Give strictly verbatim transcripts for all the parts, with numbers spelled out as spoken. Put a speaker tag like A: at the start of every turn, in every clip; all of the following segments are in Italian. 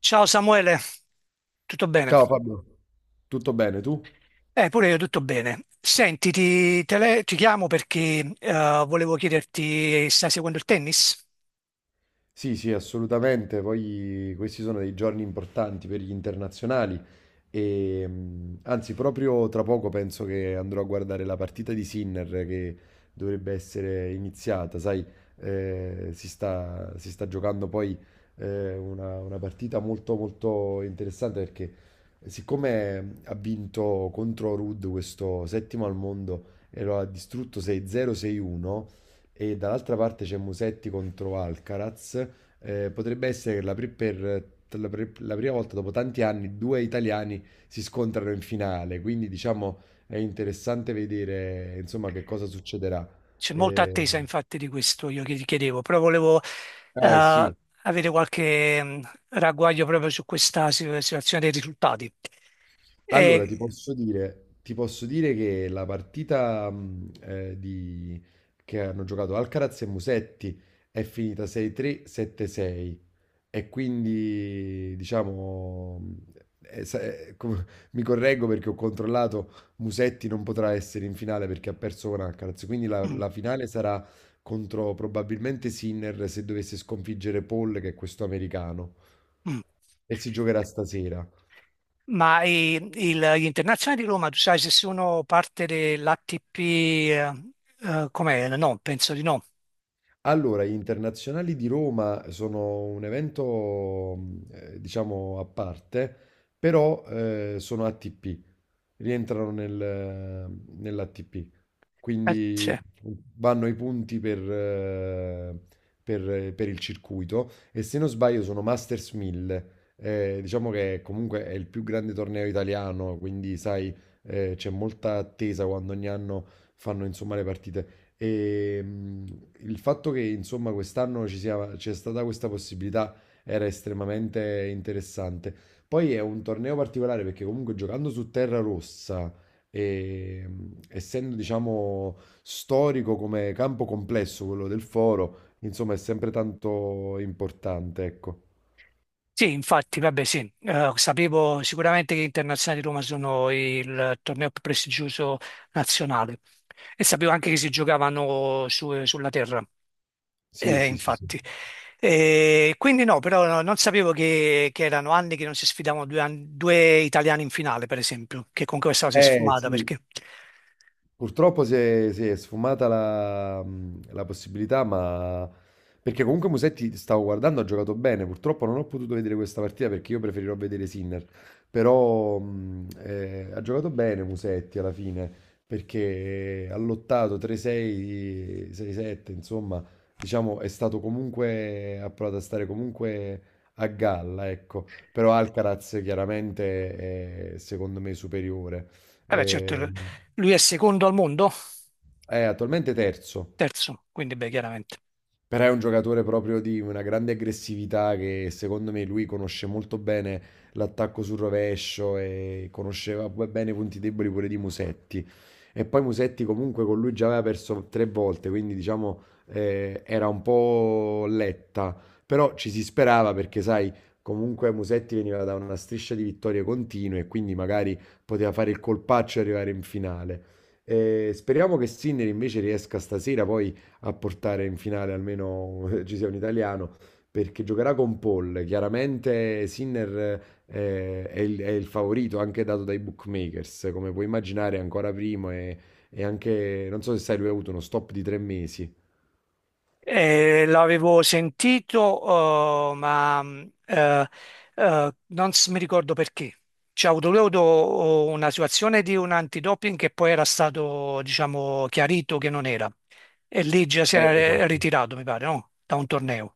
A: Ciao Samuele, tutto bene?
B: Ciao Fabio, tutto bene tu?
A: Eh, pure io tutto bene. Senti, ti, tele- ti chiamo perché eh, volevo chiederti, stai seguendo il tennis?
B: Sì, sì, assolutamente. Poi questi sono dei giorni importanti per gli internazionali. E, mh, anzi, proprio tra poco penso che andrò a guardare la partita di Sinner che dovrebbe essere iniziata. Sai, eh, si sta, si sta giocando poi eh, una, una partita molto, molto interessante perché eh, siccome ha vinto contro Ruud questo settimo al mondo e lo ha distrutto sei a zero, sei a uno, e dall'altra parte c'è Musetti contro Alcaraz. Eh, potrebbe essere che la pri- per, la pri- la prima volta dopo tanti anni due italiani si scontrano in finale, quindi diciamo è interessante vedere insomma che cosa succederà.
A: C'è molta
B: Eh,
A: attesa infatti di questo, io che ti chiedevo, però volevo
B: eh,
A: eh,
B: sì,
A: avere qualche mh, ragguaglio proprio su questa si- situazione dei risultati.
B: allora
A: E-
B: ti posso dire, ti posso dire che la partita mh, eh, di- che hanno giocato Alcaraz e Musetti è finita sei a tre, sette a sei. E quindi, diciamo, eh, eh, sa- eh, com- mi correggo perché ho controllato, Musetti non potrà essere in finale perché ha perso con Alcaraz, quindi la,
A: mm,
B: la finale sarà contro probabilmente Sinner se dovesse sconfiggere Paul, che è questo americano,
A: mm.
B: e si giocherà stasera.
A: ma i- il- gli internazionali di Roma, tu sai se sono parte dell'A T P, com'è? No, penso di no.
B: Allora, gli internazionali di Roma sono un evento, mh, eh, diciamo, a parte, però eh, sono A T P. Rientrano nel, nell'A T P. Quindi vanno i punti per, eh, per- per il circuito, e se non sbaglio sono Masters mille. Eh, diciamo che comunque è il più grande torneo italiano, quindi sai, eh, c'è molta attesa quando ogni anno fanno insomma le partite. E, mh, il fatto che insomma quest'anno ci sia, c'è stata questa possibilità era estremamente interessante. Poi è un torneo particolare perché comunque giocando su terra rossa, e, mh, essendo diciamo storico come campo complesso quello del Foro, insomma è sempre tanto importante, ecco.
A: Sì, infatti, vabbè, sì, Eh, sapevo sicuramente che gli internazionali di Roma sono il torneo più prestigioso nazionale e sapevo anche che si giocavano su- sulla terra,
B: Sì,
A: eh,
B: sì, sì, sì.
A: infatti. E quindi no, però no- non sapevo che, che erano anni che non si sfidavano due, an- due italiani in finale, per esempio, che con questa cosa si è
B: Eh,
A: sfumata
B: sì.
A: perché,
B: Purtroppo si è, si è sfumata la, mh, la possibilità, ma perché comunque Musetti, stavo guardando, ha giocato bene. Purtroppo non ho potuto vedere questa partita perché io preferirò vedere Sinner. Però mh, eh, ha giocato bene Musetti alla fine perché ha lottato tre a sei, sei a sette, insomma, diciamo è stato comunque, ha provato a stare comunque a galla, ecco. Però Alcaraz chiaramente è secondo me superiore.
A: vabbè,
B: Eh,
A: certo, lui è secondo al mondo,
B: è attualmente terzo,
A: terzo, quindi beh, chiaramente.
B: però è un giocatore proprio di una grande aggressività che secondo me lui conosce molto bene l'attacco sul rovescio e conosceva pure bene i punti deboli pure di Musetti. E poi Musetti comunque con lui già aveva perso tre volte, quindi diciamo eh, era un po' letta, però ci si sperava perché sai, comunque Musetti veniva da una striscia di vittorie continue e quindi magari poteva fare il colpaccio e arrivare in finale. Eh, speriamo che Sinner invece riesca stasera poi a portare in finale, almeno eh, ci sia un italiano, perché giocherà con Paul. Chiaramente Sinner eh, è il, è il favorito, anche dato dai bookmakers, come puoi immaginare, è ancora primo, e, e anche, non so se sai, lui ha avuto uno stop di tre mesi.
A: Eh, l'avevo sentito, eh, ma mh, eh, eh, non s- mi ricordo perché. C'è avuto lui ha avuto una situazione di un antidoping che poi era stato, diciamo, chiarito che non era. E lì già si era
B: Eh,
A: re-
B: esatto.
A: ritirato, mi pare, no? Da un torneo.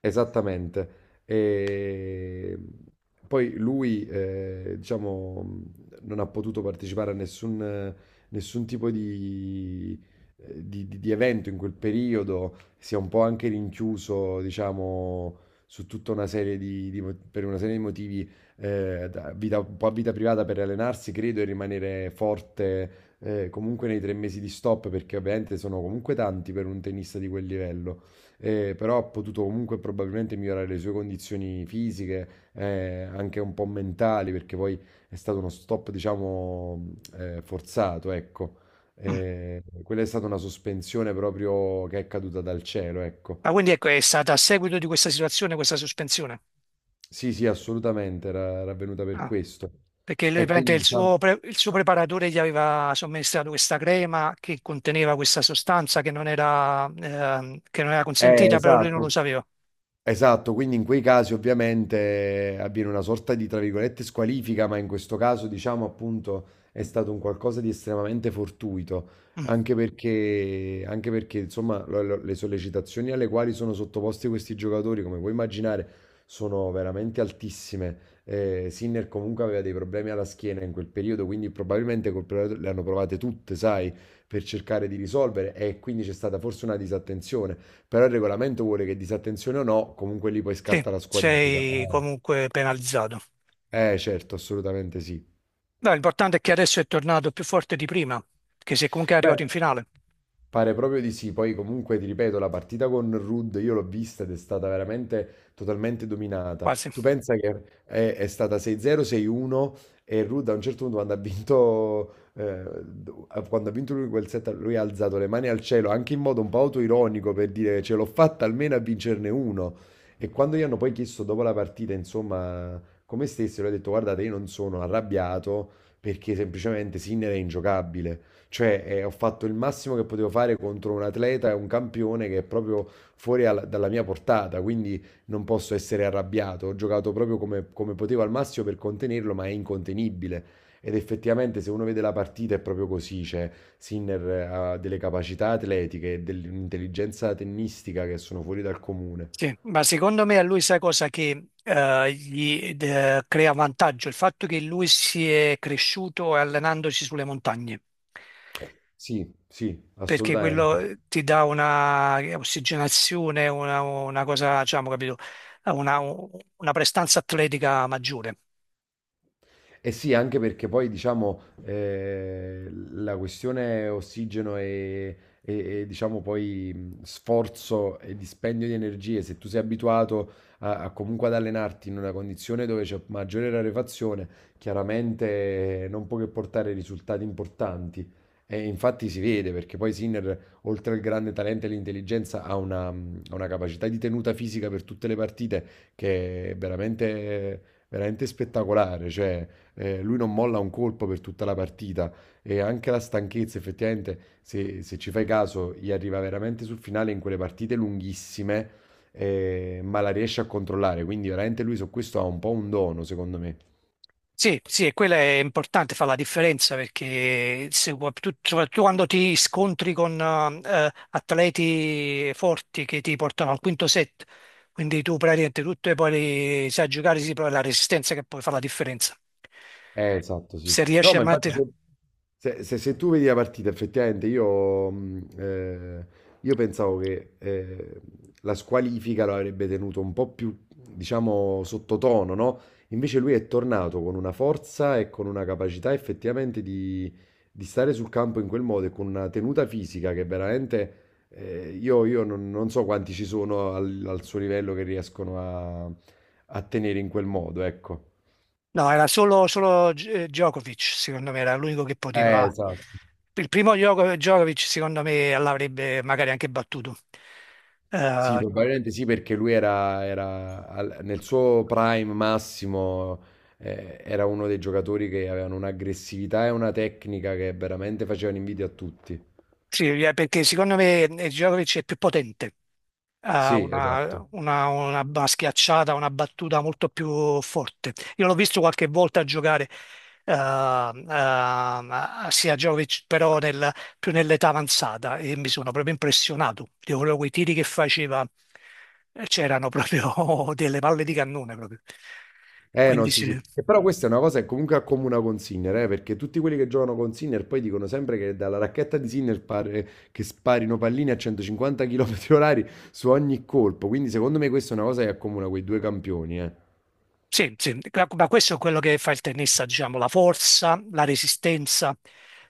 B: Esattamente. E poi lui, eh, diciamo, non ha potuto partecipare a nessun, nessun tipo di, eh, di- di- di evento in quel periodo, si è un po' anche rinchiuso, diciamo, su tutta una serie di, di mo- per una serie di motivi, eh, da vita- un po' a vita privata per allenarsi, credo, e rimanere forte, eh, comunque nei tre mesi di stop, perché ovviamente sono comunque tanti per un tennista di quel livello, eh, però ha potuto comunque probabilmente migliorare le sue condizioni fisiche, eh, anche un po' mentali, perché poi è stato uno stop, diciamo, eh, forzato, ecco.
A: Mm.
B: Eh, quella è stata una sospensione proprio che è caduta dal cielo, ecco.
A: Ma quindi ecco, è stata a seguito di questa situazione, questa sospensione.
B: Sì, sì, assolutamente, era, era avvenuta per
A: Ah.
B: questo.
A: Perché lui,
B: E
A: praticamente,
B: quindi,
A: il
B: diciamo,
A: suo, pre- il suo preparatore gli aveva somministrato questa crema che conteneva questa sostanza che non era, ehm, che non era
B: eh,
A: consentita, però lui non lo
B: esatto,
A: sapeva.
B: esatto, quindi in quei casi ovviamente eh, avviene una sorta di, tra virgolette, squalifica, ma in questo caso diciamo appunto è stato un qualcosa di estremamente fortuito,
A: Mm,
B: anche perché, anche perché insomma lo- lo- le sollecitazioni alle quali sono sottoposti questi giocatori, come puoi immaginare, sono veramente altissime. Eh, Sinner comunque aveva dei problemi alla schiena in quel periodo, quindi probabilmente col periodo le hanno provate tutte, sai, per cercare di risolvere, e quindi c'è stata forse una disattenzione. Però il regolamento vuole che, disattenzione o no, comunque lì poi
A: sì,
B: scatta la squalifica.
A: sei
B: Eh,
A: comunque penalizzato.
B: Eh, certo, assolutamente sì.
A: No, l'importante è che adesso è tornato più forte di prima, che se comunque è arrivato in
B: Beh.
A: finale,
B: Pare proprio di sì, poi comunque ti ripeto, la partita con Rudd io l'ho vista ed è stata veramente totalmente dominata.
A: quasi.
B: Tu pensa che è, è stata sei a zero, sei a uno, e Rudd a un certo punto, quando ha vinto, eh, quando ha vinto lui quel set, lui ha alzato le mani al cielo, anche in modo un po' autoironico, per dire ce l'ho fatta almeno a vincerne uno. E quando gli hanno poi chiesto dopo la partita, insomma, come stessero, ha detto guardate, io non sono arrabbiato perché semplicemente Sinner è ingiocabile. Cioè, eh, ho fatto il massimo che potevo fare contro un atleta e un campione che è proprio fuori al- dalla mia portata, quindi non posso essere arrabbiato. Ho giocato proprio come, come potevo al massimo per contenerlo, ma è incontenibile. Ed effettivamente, se uno vede la partita, è proprio così. Cioè, Sinner eh, ha delle capacità atletiche e dell'intelligenza tennistica che sono fuori dal comune.
A: Sì, ma secondo me a lui sai cosa che eh, gli eh, crea vantaggio? Il fatto che lui si è cresciuto allenandosi sulle montagne.
B: Sì, sì,
A: Perché
B: assolutamente.
A: quello eh, ti dà una ossigenazione, una, una cosa, diciamo, capito, una, una prestanza atletica maggiore.
B: Eh sì, anche perché poi diciamo eh, la questione ossigeno e, e- e, diciamo poi mh, sforzo e dispendio di energie, se tu sei abituato a, a comunque ad allenarti in una condizione dove c'è maggiore rarefazione, chiaramente eh, non può che portare risultati importanti. E infatti si vede perché poi Sinner, oltre al grande talento e l'intelligenza, ha una, mh, ha una capacità di tenuta fisica per tutte le partite che è veramente, veramente spettacolare. Cioè, eh, lui non molla un colpo per tutta la partita, e anche la stanchezza, effettivamente, se, se ci fai caso, gli arriva veramente sul finale in quelle partite lunghissime, eh, ma la riesce a controllare. Quindi veramente lui su questo ha un po' un dono, secondo me.
A: Sì, sì, e quella è importante, fa la differenza perché se, pu- tu, soprattutto quando ti scontri con eh, atleti forti che ti portano al quinto set, quindi tu praticamente tutto e poi li- sai giocare, sì, però è la resistenza che poi fa la differenza.
B: Eh, esatto, sì.
A: Se
B: No,
A: riesci a
B: ma infatti
A: mantenere.
B: se, se- se- se tu vedi la partita, effettivamente io, mh, eh, io pensavo che eh, la squalifica lo avrebbe tenuto un po' più, diciamo, sottotono, no? Invece lui è tornato con una forza e con una capacità effettivamente di, di stare sul campo in quel modo e con una tenuta fisica che veramente eh, io, io non, non so quanti ci sono al, al suo livello che riescono a, a tenere in quel modo, ecco.
A: No, era solo, solo G- Djokovic, secondo me, era l'unico che
B: Eh,
A: poteva.
B: esatto.
A: Il primo Djoko- Djokovic, secondo me, l'avrebbe magari anche battuto.
B: Sì,
A: Eh,
B: probabilmente sì, perché lui era, era al- nel suo prime massimo, eh, era uno dei giocatori che avevano un'aggressività e una tecnica che veramente facevano invidia a tutti.
A: sì, eh, perché secondo me eh, Djokovic è più potente, ha
B: Sì,
A: una,
B: esatto.
A: una, una ba- schiacciata, una battuta molto più forte. Io l'ho visto qualche volta giocare eh, eh, sia Djokovic, però nel- più nell'età avanzata e mi sono proprio impressionato. Io quello- quei tiri che faceva eh, c'erano proprio delle palle di cannone proprio.
B: Eh no,
A: Quindi
B: sì,
A: sì.
B: sì. E però questa è una cosa che comunque accomuna con Sinner, eh, perché tutti quelli che giocano con Sinner poi dicono sempre che dalla racchetta di Sinner pare che sparino palline a centocinquanta chilometri orari su ogni colpo. Quindi secondo me questa è una cosa che accomuna quei due campioni, eh.
A: Sì, sì, ma questo è quello che fa il tennista, diciamo, la forza, la resistenza,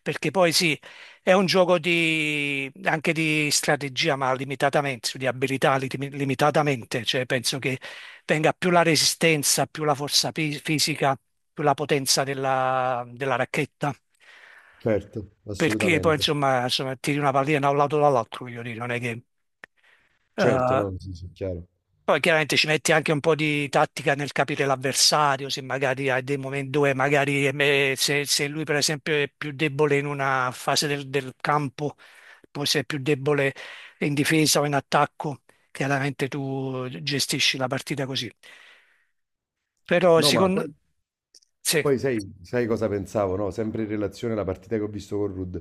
A: perché poi sì, è un gioco di, anche di strategia, ma limitatamente, di abilità li- limitatamente, cioè penso che venga più la resistenza, più la forza fi- fisica, più la potenza della, della racchetta,
B: Certo,
A: perché poi
B: assolutamente.
A: insomma, insomma tiri una pallina da un lato o dall'altro, voglio dire, non è che...
B: Certo,
A: eh,
B: no, sì, sì, chiaro.
A: poi chiaramente ci metti anche un po' di tattica nel capire l'avversario, se magari hai dei momenti dove magari eh, se, se lui per esempio è più debole in una fase del, del campo, poi se è più debole in difesa o in attacco, chiaramente tu gestisci la partita così. Però
B: No, ma
A: secondo...
B: poi
A: Sì,
B: poi sai, sai cosa pensavo, no? Sempre in relazione alla partita che ho visto con Rudd,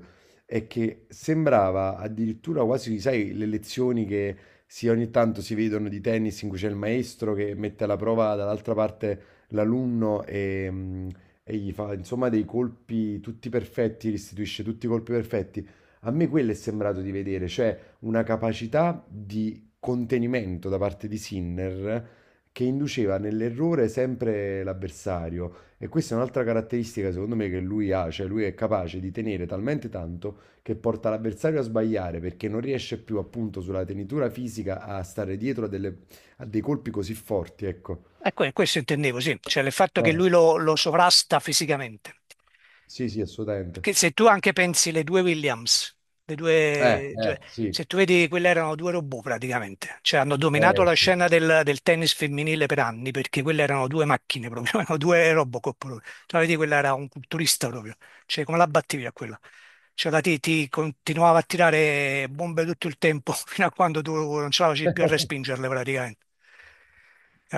B: è che sembrava addirittura quasi, sai, le lezioni che si, ogni tanto si vedono di tennis, in cui c'è il maestro che mette alla prova dall'altra parte l'alunno e, mh, e gli fa, insomma, dei colpi tutti perfetti, restituisce tutti i colpi perfetti. A me quello è sembrato di vedere, cioè una capacità di contenimento da parte di Sinner che induceva nell'errore sempre l'avversario. E questa è un'altra caratteristica secondo me che lui ha, cioè lui è capace di tenere talmente tanto che porta l'avversario a sbagliare perché non riesce più, appunto, sulla tenitura fisica a stare dietro a, delle- a dei colpi così forti, ecco.
A: ecco, questo intendevo, sì, cioè il fatto che
B: Eh,
A: lui lo, lo sovrasta fisicamente.
B: sì, sì, assolutamente.
A: Che se tu anche pensi le due Williams, le
B: Eh,
A: due, cioè,
B: eh, sì,
A: se tu vedi, quelle erano due robot praticamente, cioè hanno dominato
B: eh,
A: la
B: sì.
A: scena del, del tennis femminile per anni perché quelle erano due macchine proprio, erano due Robocop proprio. Tu la vedi, quella era un culturista proprio, cioè come la battevi a quella? Cioè la ti, ti continuava a tirare bombe tutto il tempo fino a quando tu non ce la facevi più a respingerle praticamente,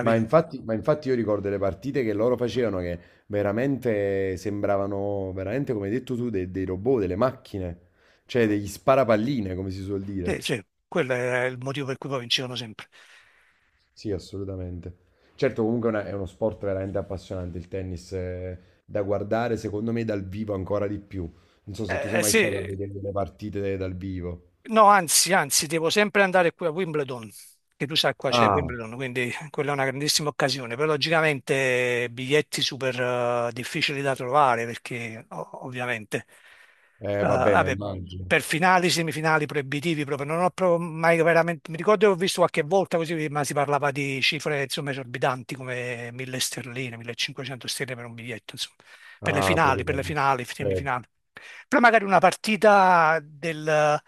B: Ma infatti, ma infatti io ricordo le partite che loro facevano che veramente sembravano, veramente come hai detto tu, dei, dei robot, delle macchine, cioè degli sparapalline, come si suol
A: Sì,
B: dire.
A: sì, quello era il motivo per cui poi vincevano sempre.
B: Sì, assolutamente. Certo, comunque è una- è uno sport veramente appassionante il tennis, eh, da guardare secondo me dal vivo ancora di più. Non so se tu
A: Eh,
B: sei
A: eh,
B: mai
A: sì,
B: stato a vedere delle partite dal vivo.
A: No, anzi, anzi, devo sempre andare qui a Wimbledon, che tu sai qua c'è
B: Ah,
A: Wimbledon, quindi quella è una grandissima occasione, però logicamente biglietti super eh, difficili da trovare perché o- ovviamente eh,
B: eh, vabbè, ma
A: vabbè,
B: immagino.
A: per finali, semifinali proibitivi proprio, non ho proprio mai veramente, mi ricordo che ho visto qualche volta così, ma si parlava di cifre insomma esorbitanti come mille sterline, millecinquecento sterline per un biglietto, insomma, per le
B: Ah,
A: finali,
B: proprio
A: per le
B: quello.
A: finali,
B: Certo.
A: semifinali. Però magari una partita del,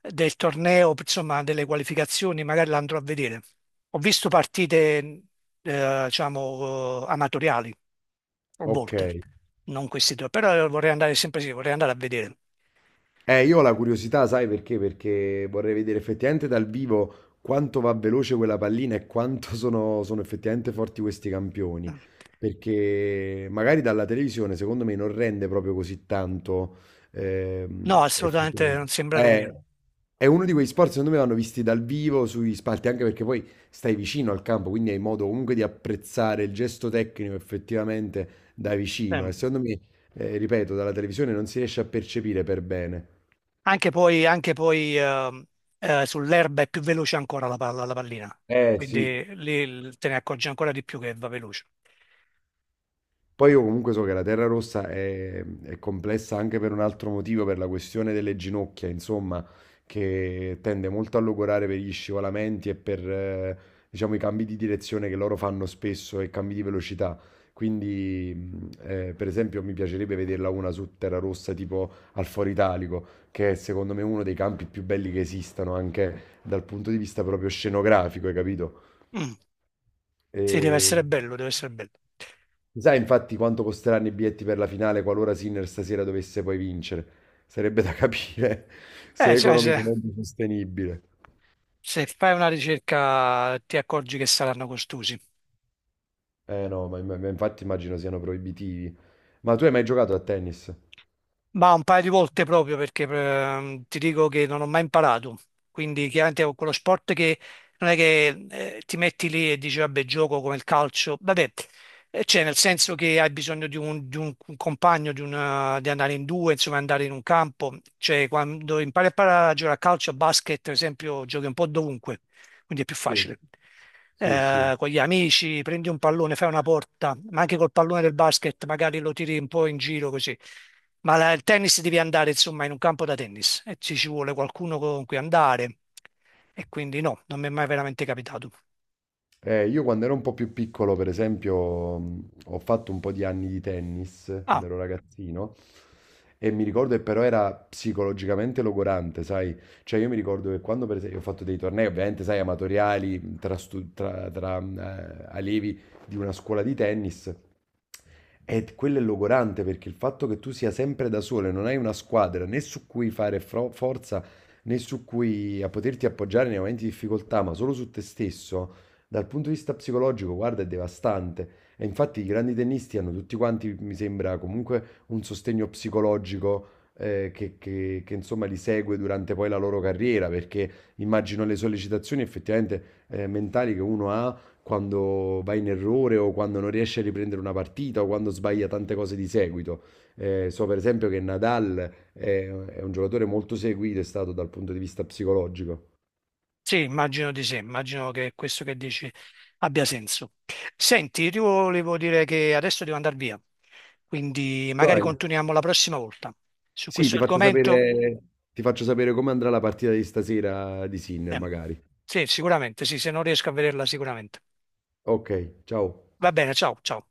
A: del torneo, insomma, delle qualificazioni, magari la andrò a vedere. Ho visto partite, eh, diciamo, eh, amatoriali, a
B: Ok.
A: volte, non questi due, però vorrei andare sempre sì, vorrei andare a vedere.
B: Eh, io ho la curiosità, sai perché? Perché vorrei vedere effettivamente dal vivo quanto va veloce quella pallina e quanto sono, sono effettivamente forti questi campioni. Perché magari dalla televisione, secondo me, non rende proprio così tanto. ehm,
A: No, assolutamente
B: effettivamente.
A: non sembra nemmeno.
B: Eh, è uno di quegli sport, secondo me, vanno visti dal vivo sui spalti, anche perché poi stai vicino al campo, quindi hai modo comunque di apprezzare il gesto tecnico effettivamente da vicino.
A: Eh.
B: E secondo me, eh, ripeto, dalla televisione non si riesce a percepire per bene.
A: Anche poi, anche poi, ehm, eh, sull'erba è più veloce ancora la palla, la pallina,
B: Eh sì,
A: quindi lì il- te ne accorgi ancora di più che va veloce.
B: poi io comunque so che la terra rossa è, è complessa anche per un altro motivo, per la questione delle ginocchia, insomma, che tende molto a logorare per gli scivolamenti e per, eh, diciamo, i cambi di direzione che loro fanno spesso e cambi di velocità. Quindi, mh, eh, per esempio, mi piacerebbe vederla una su terra rossa tipo al Foro Italico, che è secondo me uno dei campi più belli che esistano, anche dal punto di vista proprio scenografico, hai capito?
A: Mm, sì, deve essere
B: E...
A: bello, deve essere bello.
B: Sai infatti quanto costeranno i biglietti per la finale qualora Sinner stasera dovesse poi vincere? Sarebbe da capire se
A: Eh,
B: è
A: cioè, se,
B: economicamente sostenibile.
A: se fai una ricerca ti accorgi che saranno costosi.
B: Eh no, ma, ma- ma infatti immagino siano proibitivi. Ma tu hai mai giocato a tennis?
A: Ma un paio di volte proprio perché ehm, ti dico che non ho mai imparato, quindi chiaramente è quello sport che non è che eh, ti metti lì e dici vabbè gioco come il calcio, vabbè, eh, cioè nel senso che hai bisogno di un, di un compagno, di, una- di andare in due, insomma andare in un campo, cioè quando impari a, par- a giocare a calcio, a basket per esempio giochi un po' dovunque quindi è più
B: Sì,
A: facile.
B: sì, sì.
A: Eh, con gli amici prendi un pallone, fai una porta, ma anche col pallone del basket magari lo tiri un po' in giro così. Ma la- il tennis devi andare insomma in un campo da tennis e ci ci vuole qualcuno con cui andare e quindi no, non mi è mai veramente capitato.
B: Eh, io quando ero un po' più piccolo, per esempio, mh, ho fatto un po' di anni di tennis,
A: Ah,
B: quando ero ragazzino. E mi ricordo che però era psicologicamente logorante, sai? Cioè io mi ricordo che quando per esempio ho fatto dei tornei, ovviamente, sai, amatoriali, tra, stu- tra- tra, eh, allievi di una scuola di tennis, e quello è logorante perché il fatto che tu sia sempre da solo e non hai una squadra né su cui fare fro- forza, né su cui a poterti appoggiare nei momenti di difficoltà, ma solo su te stesso, dal punto di vista psicologico, guarda, è devastante. E infatti i grandi tennisti hanno tutti quanti, mi sembra, comunque un sostegno psicologico eh, che, che- che, insomma, li segue durante poi la loro carriera, perché immagino le sollecitazioni effettivamente eh, mentali che uno ha quando va in errore o quando non riesce a riprendere una partita o quando sbaglia tante cose di seguito. Eh, so per esempio che Nadal è, è un giocatore molto seguito, è stato dal punto di vista psicologico.
A: sì, immagino di sì, immagino che questo che dici abbia senso. Senti, io ti volevo dire che adesso devo andare via, quindi magari
B: Dai.
A: continuiamo la prossima volta su
B: Sì,
A: questo
B: ti faccio
A: argomento.
B: sapere, ti faccio sapere come andrà la partita di stasera di Sinner,
A: Eh,
B: magari.
A: Sì, sicuramente, sì, se non riesco a vederla sicuramente.
B: Ok, ciao.
A: Va bene, ciao, ciao.